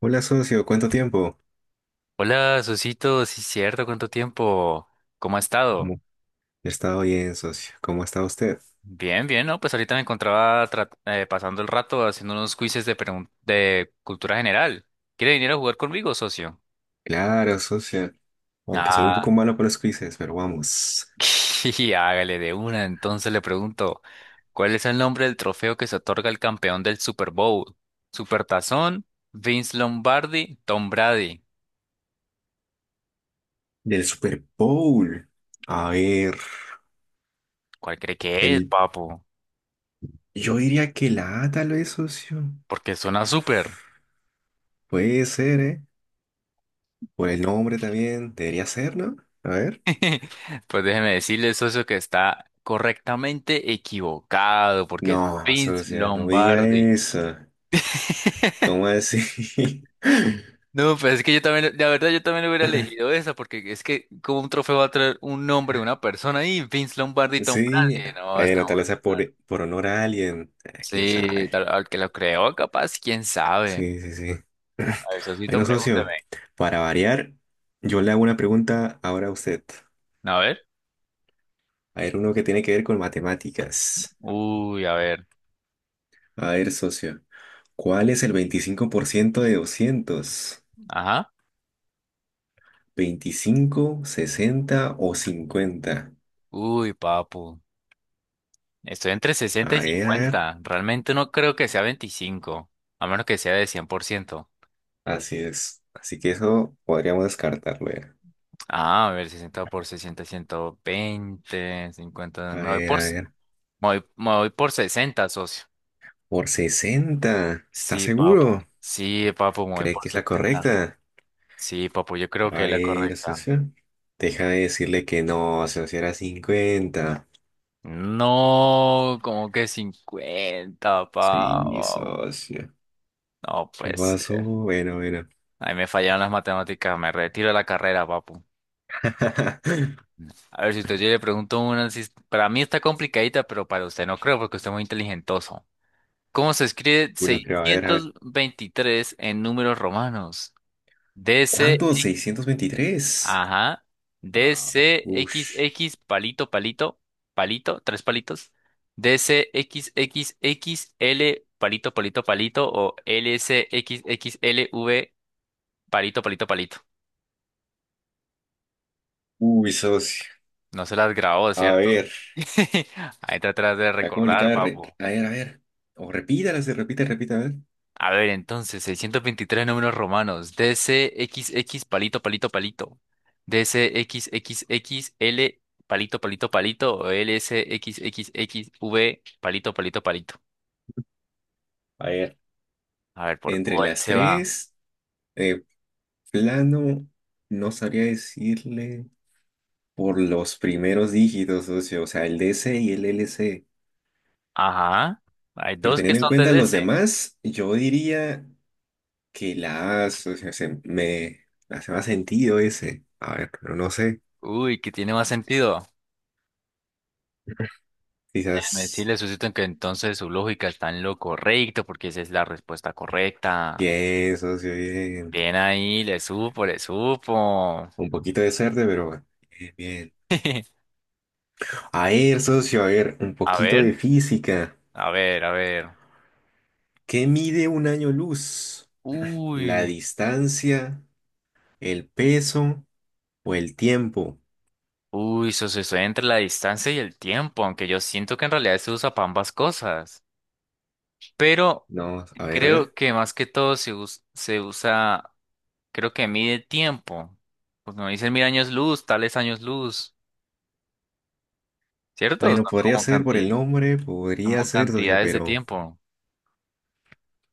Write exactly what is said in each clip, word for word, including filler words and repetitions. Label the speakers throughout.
Speaker 1: Hola socio, ¿cuánto tiempo?
Speaker 2: Hola, Susito, sí, cierto, ¿cuánto tiempo? ¿Cómo ha estado?
Speaker 1: ¿Cómo he estado bien, socio? ¿Cómo está usted?
Speaker 2: Bien, bien, ¿no? Pues ahorita me encontraba tra- eh, pasando el rato haciendo unos quizzes de, pregun- de cultura general. ¿Quiere venir a jugar conmigo, socio?
Speaker 1: Claro, socio. Aunque soy un poco
Speaker 2: Ah,
Speaker 1: malo para los quizzes, pero vamos.
Speaker 2: y hágale de una. Entonces le pregunto, ¿cuál es el nombre del trofeo que se otorga al campeón del Super Bowl? ¿Supertazón, Vince Lombardi, Tom Brady?
Speaker 1: Del Super Bowl. A ver,
Speaker 2: ¿Cuál cree que es,
Speaker 1: el...
Speaker 2: papo?
Speaker 1: yo diría que la A tal vez, socio.
Speaker 2: Porque suena súper.
Speaker 1: Puede ser, ¿eh? Por el nombre también. Debería ser, ¿no? A ver.
Speaker 2: Pues déjeme decirle, socio, que está correctamente equivocado, porque
Speaker 1: No,
Speaker 2: es Vince
Speaker 1: socio, no me diga
Speaker 2: Lombardi.
Speaker 1: eso. ¿Cómo así?
Speaker 2: No, pues es que yo también, la verdad, yo también hubiera elegido esa, porque es que como un trofeo va a traer un nombre, una persona ahí, Vince Lombardi, y Tom
Speaker 1: Sí.
Speaker 2: Brady. No, está
Speaker 1: Bueno, tal
Speaker 2: bueno.
Speaker 1: vez sea por, por honor a alguien. Eh, ¿Quién
Speaker 2: Sí,
Speaker 1: sabe?
Speaker 2: tal, al que lo creó, capaz, quién sabe.
Speaker 1: Sí, sí, sí.
Speaker 2: A ver, socito,
Speaker 1: Bueno, socio,
Speaker 2: pregúnteme.
Speaker 1: para variar, yo le hago una pregunta ahora a usted.
Speaker 2: A ver.
Speaker 1: A ver, uno que tiene que ver con matemáticas.
Speaker 2: Uy, a ver.
Speaker 1: A ver, socio, ¿cuál es el veinticinco por ciento de doscientos
Speaker 2: Ajá.
Speaker 1: veinticinco sesenta o cincuenta?
Speaker 2: Uy, papu. Estoy entre sesenta y
Speaker 1: A ver, a ver.
Speaker 2: cincuenta. Realmente no creo que sea veinticinco, a menos que sea de cien por ciento.
Speaker 1: Así es. Así que eso podríamos descartarlo ya.
Speaker 2: Ah, a ver, sesenta por sesenta, veinte, cincuenta,
Speaker 1: A
Speaker 2: Me voy
Speaker 1: ver,
Speaker 2: por,
Speaker 1: a
Speaker 2: s-
Speaker 1: ver.
Speaker 2: me voy, me voy por sesenta, socio.
Speaker 1: ¿Por sesenta? ¿Está
Speaker 2: Sí,
Speaker 1: seguro?
Speaker 2: papo. Sí, papo, me voy
Speaker 1: ¿Cree
Speaker 2: por
Speaker 1: que es la
Speaker 2: sesenta.
Speaker 1: correcta?
Speaker 2: Sí, papo, yo creo que
Speaker 1: A
Speaker 2: es la
Speaker 1: ver,
Speaker 2: correcta.
Speaker 1: socio. Deja de decirle que no, socio, si era cincuenta.
Speaker 2: No, como que cincuenta,
Speaker 1: Sí,
Speaker 2: papo.
Speaker 1: socio.
Speaker 2: No,
Speaker 1: ¿Qué
Speaker 2: pues.
Speaker 1: pasó? Bueno, bueno.
Speaker 2: Ahí me fallaron las matemáticas. Me retiro de la carrera, papo. A ver, si usted yo le pregunto una, si para mí está complicadita, pero para usted no creo, porque usted es muy inteligentoso. ¿Cómo se escribe
Speaker 1: Bueno, creo, a ver, a ver.
Speaker 2: seiscientos veintitrés en números romanos? D C,
Speaker 1: ¿Cuánto? seiscientos veintitrés.
Speaker 2: ajá,
Speaker 1: Ah, ush.
Speaker 2: D C X X, palito, palito, palito, tres palitos, DCXXXL, palito, palito, palito, o LCXXLV, palito, palito, palito.
Speaker 1: Uy, socio.
Speaker 2: No se las grabó,
Speaker 1: A
Speaker 2: ¿cierto?
Speaker 1: ver,
Speaker 2: Ahí está atrás de
Speaker 1: la
Speaker 2: recordar,
Speaker 1: complicada. re-
Speaker 2: papu.
Speaker 1: A ver, a ver. O repítala, se repite, repite, a ver.
Speaker 2: A ver, entonces, seiscientos veintitrés números romanos. D C X X palito, palito, palito. DCXXXL palito, palito, palito. O LSXXXV palito, palito, palito.
Speaker 1: A ver,
Speaker 2: A ver, ¿por
Speaker 1: entre
Speaker 2: cuál
Speaker 1: las
Speaker 2: se va?
Speaker 1: tres, eh, plano, no sabría decirle por los primeros dígitos, socio. O sea, el D C y el L C.
Speaker 2: Ajá. Hay
Speaker 1: Pero
Speaker 2: dos que
Speaker 1: teniendo en
Speaker 2: son de
Speaker 1: cuenta los
Speaker 2: D C.
Speaker 1: demás, yo diría que las, o sea, se- me hace más sentido ese. A ver, pero no sé.
Speaker 2: Uy, que tiene más sentido. Déjame
Speaker 1: Quizás
Speaker 2: decirle, Susito, que entonces su lógica está en lo correcto, porque esa es la respuesta correcta.
Speaker 1: pienso, socio, bien.
Speaker 2: Bien ahí, le supo, le supo.
Speaker 1: Un poquito de suerte, pero bueno, bien, bien. A ver, socio, a ver, un
Speaker 2: A
Speaker 1: poquito de
Speaker 2: ver,
Speaker 1: física.
Speaker 2: a ver, a ver.
Speaker 1: ¿Qué mide un año luz? ¿La
Speaker 2: Uy,
Speaker 1: distancia, el peso o el tiempo?
Speaker 2: uy, eso se sucede entre la distancia y el tiempo, aunque yo siento que en realidad se usa para ambas cosas. Pero
Speaker 1: No, a ver, a ver.
Speaker 2: creo que más que todo se, us- se usa, creo que mide tiempo. Pues no dicen mil años luz, tales años luz, ¿cierto?
Speaker 1: Bueno,
Speaker 2: Son
Speaker 1: podría
Speaker 2: como
Speaker 1: ser por el
Speaker 2: canti-
Speaker 1: nombre, podría
Speaker 2: como
Speaker 1: ser, socio,
Speaker 2: cantidades de
Speaker 1: pero
Speaker 2: tiempo.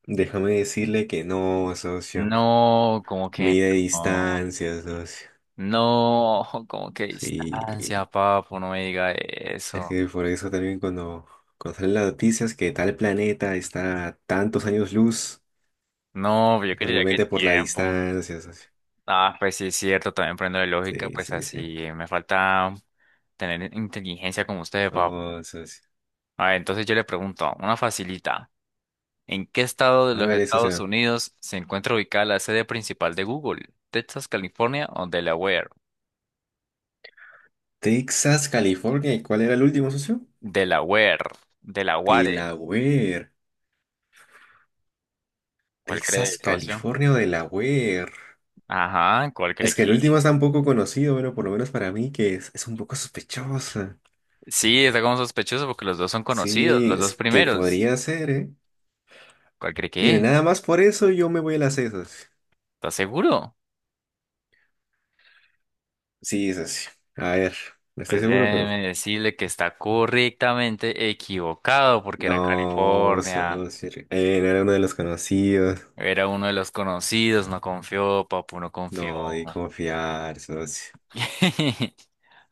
Speaker 1: déjame decirle que no, socio.
Speaker 2: No, como que
Speaker 1: Mide
Speaker 2: no,
Speaker 1: distancias, socio.
Speaker 2: no, como que
Speaker 1: Sí,
Speaker 2: distancia, papo, no me diga
Speaker 1: es
Speaker 2: eso.
Speaker 1: que por eso también cuando, cuando salen las noticias que tal planeta está a tantos años luz,
Speaker 2: No, yo
Speaker 1: es
Speaker 2: quería que
Speaker 1: normalmente por la
Speaker 2: tiempo.
Speaker 1: distancia, socio.
Speaker 2: Ah, pues sí, es cierto, también prendo de lógica,
Speaker 1: Sí,
Speaker 2: pues
Speaker 1: sí, sí.
Speaker 2: así me falta tener inteligencia como ustedes, papá.
Speaker 1: Oh, socio.
Speaker 2: A ver, entonces yo le pregunto, una facilita, ¿en qué estado de los
Speaker 1: Hágale,
Speaker 2: Estados
Speaker 1: socio.
Speaker 2: Unidos se encuentra ubicada la sede principal de Google? ¿Texas, California o Delaware?
Speaker 1: Texas, California. ¿Y cuál era el último, socio?
Speaker 2: Delaware, Delaware,
Speaker 1: Delaware.
Speaker 2: ¿cuál cree,
Speaker 1: Texas,
Speaker 2: socio?
Speaker 1: California o Delaware.
Speaker 2: Ajá, ¿cuál cree
Speaker 1: Es que
Speaker 2: que
Speaker 1: el último es
Speaker 2: es?
Speaker 1: tan poco conocido, bueno, por lo menos para mí, que es, es un poco sospechosa.
Speaker 2: Sí, está como sospechoso porque los dos son conocidos,
Speaker 1: Sí,
Speaker 2: los dos
Speaker 1: es que
Speaker 2: primeros.
Speaker 1: podría ser, ¿eh?
Speaker 2: ¿Cuál cree que
Speaker 1: Mire,
Speaker 2: es?
Speaker 1: nada más por eso yo me voy a las esas.
Speaker 2: ¿Estás seguro?
Speaker 1: Sí, socio. A ver, no estoy
Speaker 2: Pues
Speaker 1: seguro, pero.
Speaker 2: déjeme decirle que está correctamente equivocado porque era
Speaker 1: No,
Speaker 2: California.
Speaker 1: socio. Él era uno de los conocidos.
Speaker 2: Era uno de los conocidos, no confió, papu, no confió.
Speaker 1: No, de confiar, socio.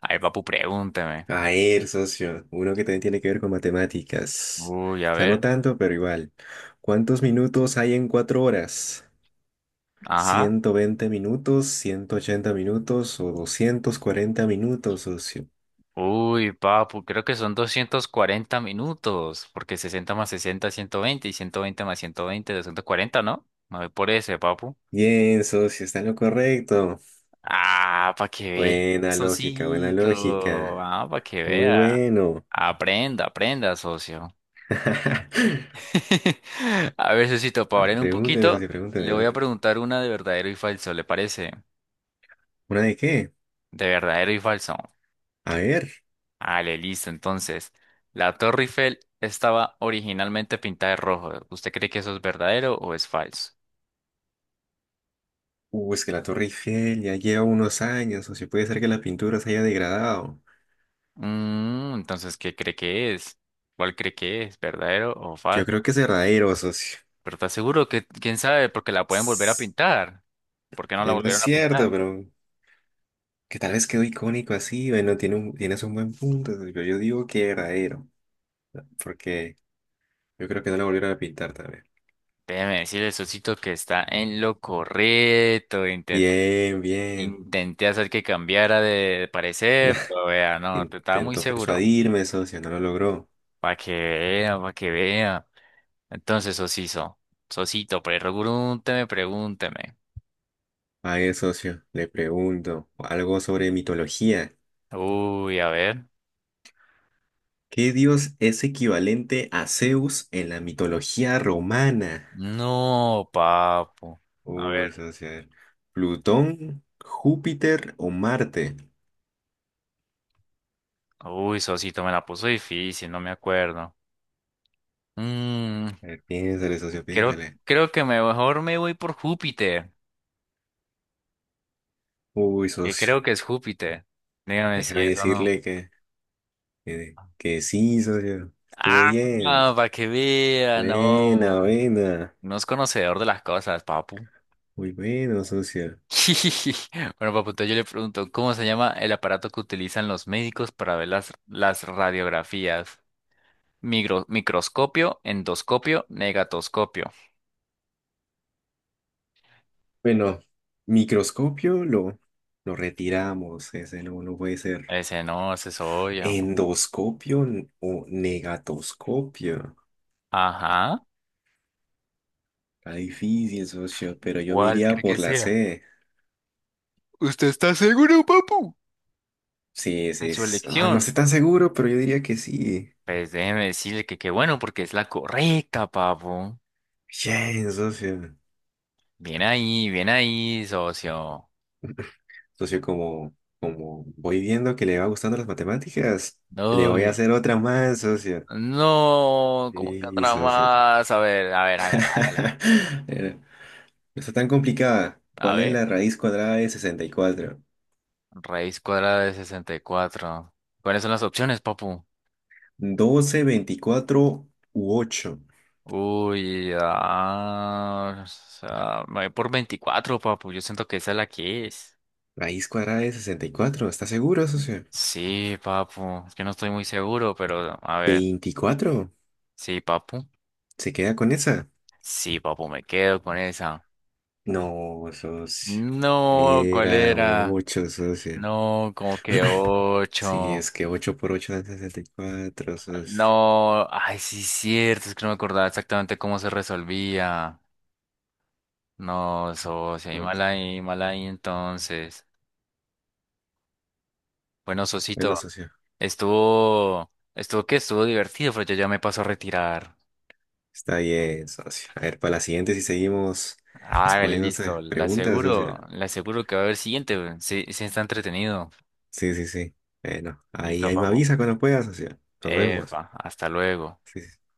Speaker 2: Ay, papu, pregúnteme.
Speaker 1: A ver, socio. Uno que también tiene que ver con matemáticas.
Speaker 2: Uy, a
Speaker 1: O sea, no
Speaker 2: ver.
Speaker 1: tanto, pero igual. ¿Cuántos minutos hay en cuatro horas?
Speaker 2: Ajá.
Speaker 1: ¿Ciento veinte minutos, ciento ochenta minutos o doscientos cuarenta minutos, socio?
Speaker 2: Uy, papu, creo que son doscientos cuarenta minutos, porque sesenta más sesenta es veinte y ciento veinte más ciento veinte es cuarenta, ¿no? Me voy por ese, papu.
Speaker 1: Bien, socio, está en lo correcto.
Speaker 2: Ah, para que vea,
Speaker 1: Buena lógica, buena
Speaker 2: socito.
Speaker 1: lógica.
Speaker 2: Ah, para que
Speaker 1: Muy
Speaker 2: vea.
Speaker 1: bueno.
Speaker 2: Aprenda, aprenda, socio. A ver, socito, para
Speaker 1: A ver,
Speaker 2: variar un
Speaker 1: pregúnteme eso, sí,
Speaker 2: poquito,
Speaker 1: pregúnteme,
Speaker 2: le
Speaker 1: a
Speaker 2: voy a
Speaker 1: ver.
Speaker 2: preguntar una de verdadero y falso, ¿le parece?
Speaker 1: ¿Una de qué?
Speaker 2: De verdadero y falso.
Speaker 1: A ver.
Speaker 2: Vale, listo. Entonces, la Torre Eiffel estaba originalmente pintada de rojo. ¿Usted cree que eso es verdadero o es falso?
Speaker 1: Uh, es que la Torre Eiffel ya lleva unos años, socio. Puede ser que la pintura se haya degradado.
Speaker 2: Mm, entonces, ¿qué cree que es? ¿Cuál cree que es? ¿Verdadero o
Speaker 1: Yo
Speaker 2: falso?
Speaker 1: creo que es verdadero, socio.
Speaker 2: Pero está seguro que, quién sabe, porque la pueden volver a
Speaker 1: Tss,
Speaker 2: pintar. ¿Por qué no la
Speaker 1: eh, no es
Speaker 2: volvieron a
Speaker 1: cierto,
Speaker 2: pintar?
Speaker 1: pero que tal vez quedó icónico así. Bueno, tiene un, tienes un buen punto, socio. Yo digo que verdadero, porque yo creo que no la volvieron a pintar tal vez.
Speaker 2: Déjeme decirle, Sosito, que está en lo correcto. Intenté,
Speaker 1: Bien, bien.
Speaker 2: intenté hacer que cambiara de parecer, pero vea, no, te estaba muy
Speaker 1: Intentó
Speaker 2: seguro.
Speaker 1: persuadirme, socio, no lo logró.
Speaker 2: Para que vea, para que vea. Entonces, Sosito, Sosito, pregúnteme, pregúnteme.
Speaker 1: A ver, socio, le pregunto algo sobre mitología.
Speaker 2: Uy, a ver.
Speaker 1: ¿Qué dios es equivalente a Zeus en la mitología romana?
Speaker 2: No, papo. A ver.
Speaker 1: Uy, socio, a ver. ¿Plutón, Júpiter o Marte?
Speaker 2: Uy, Sosito, me la puso difícil, no me acuerdo. Mm,
Speaker 1: A ver, piénsale, socio,
Speaker 2: creo,
Speaker 1: piénsale.
Speaker 2: creo que mejor me voy por Júpiter.
Speaker 1: Uy,
Speaker 2: Eh,
Speaker 1: socio,
Speaker 2: creo que es Júpiter. Dígame si
Speaker 1: déjame
Speaker 2: es o no.
Speaker 1: decirle que, que, que sí, socio. Estuvo
Speaker 2: Ah,
Speaker 1: bien.
Speaker 2: no, para que vea,
Speaker 1: Buena,
Speaker 2: no.
Speaker 1: buena.
Speaker 2: No es conocedor de las cosas, papu.
Speaker 1: Muy bueno, socio.
Speaker 2: Bueno, papu, entonces yo le pregunto, ¿cómo se llama el aparato que utilizan los médicos para ver las, las radiografías? Micro- microscopio, endoscopio, negatoscopio.
Speaker 1: Bueno, microscopio lo, lo retiramos. Ese no, no puede ser.
Speaker 2: Ese no, ese es obvio.
Speaker 1: ¿Endoscopio n- o negatoscopio?
Speaker 2: Ajá.
Speaker 1: Está difícil, socio, pero yo me
Speaker 2: ¿Cuál
Speaker 1: iría
Speaker 2: cree que
Speaker 1: por la
Speaker 2: sea?
Speaker 1: C.
Speaker 2: ¿Usted está seguro, papu?
Speaker 1: Sí,
Speaker 2: De
Speaker 1: sí,
Speaker 2: su
Speaker 1: es- ah, no
Speaker 2: elección.
Speaker 1: estoy tan seguro, pero yo diría que sí.
Speaker 2: Pues déjeme decirle que qué bueno, porque es la correcta, papu.
Speaker 1: Bien, socio.
Speaker 2: Bien ahí, bien ahí, socio.
Speaker 1: Socio, como, como voy viendo que le va gustando las matemáticas, le voy a
Speaker 2: Uy,
Speaker 1: hacer otra más, socio.
Speaker 2: no, ¿cómo que
Speaker 1: Sí,
Speaker 2: otra
Speaker 1: socio, sí.
Speaker 2: más? A ver, a ver, hágala, hágala.
Speaker 1: Era- No está tan complicada.
Speaker 2: A
Speaker 1: ¿Cuál es
Speaker 2: ver,
Speaker 1: la raíz cuadrada de sesenta y cuatro?
Speaker 2: raíz cuadrada de sesenta y cuatro. ¿Cuáles son las opciones, papu?
Speaker 1: Doce, veinticuatro u ocho.
Speaker 2: Uy, ah, o sea, me voy por veinticuatro, papu. Yo siento que esa es la que es.
Speaker 1: Raíz cuadrada de sesenta y cuatro. ¿Estás seguro, socio?
Speaker 2: Sí, papu. Es que no estoy muy seguro, pero a ver.
Speaker 1: Veinticuatro.
Speaker 2: Sí, papu.
Speaker 1: ¿Se queda con esa?
Speaker 2: Sí, papu, me quedo con esa.
Speaker 1: No, socio.
Speaker 2: No, ¿cuál
Speaker 1: Era
Speaker 2: era?
Speaker 1: ocho, socio.
Speaker 2: No, como que
Speaker 1: Sí,
Speaker 2: ocho.
Speaker 1: es que ocho por ocho dan sesenta y cuatro, socio.
Speaker 2: No, ay, sí, cierto, es que no me acordaba exactamente cómo se resolvía. No, socio, y
Speaker 1: No.
Speaker 2: mal ahí, mal ahí entonces. Bueno,
Speaker 1: Bueno,
Speaker 2: socito,
Speaker 1: socio.
Speaker 2: estuvo, estuvo que estuvo divertido, pero yo ya me paso a retirar.
Speaker 1: Está bien, socio. A ver, para la siguiente, si seguimos
Speaker 2: Ah, vale,
Speaker 1: respondiendo
Speaker 2: listo,
Speaker 1: esas
Speaker 2: le
Speaker 1: preguntas,
Speaker 2: aseguro,
Speaker 1: socio.
Speaker 2: le aseguro que va a haber siguiente, sí, sí está entretenido.
Speaker 1: Sí, sí, sí. Bueno, ahí,
Speaker 2: Listo,
Speaker 1: ahí me
Speaker 2: papo.
Speaker 1: avisa cuando pueda, socio. Nos vemos.
Speaker 2: Epa, hasta luego.
Speaker 1: Sí, sí, sí.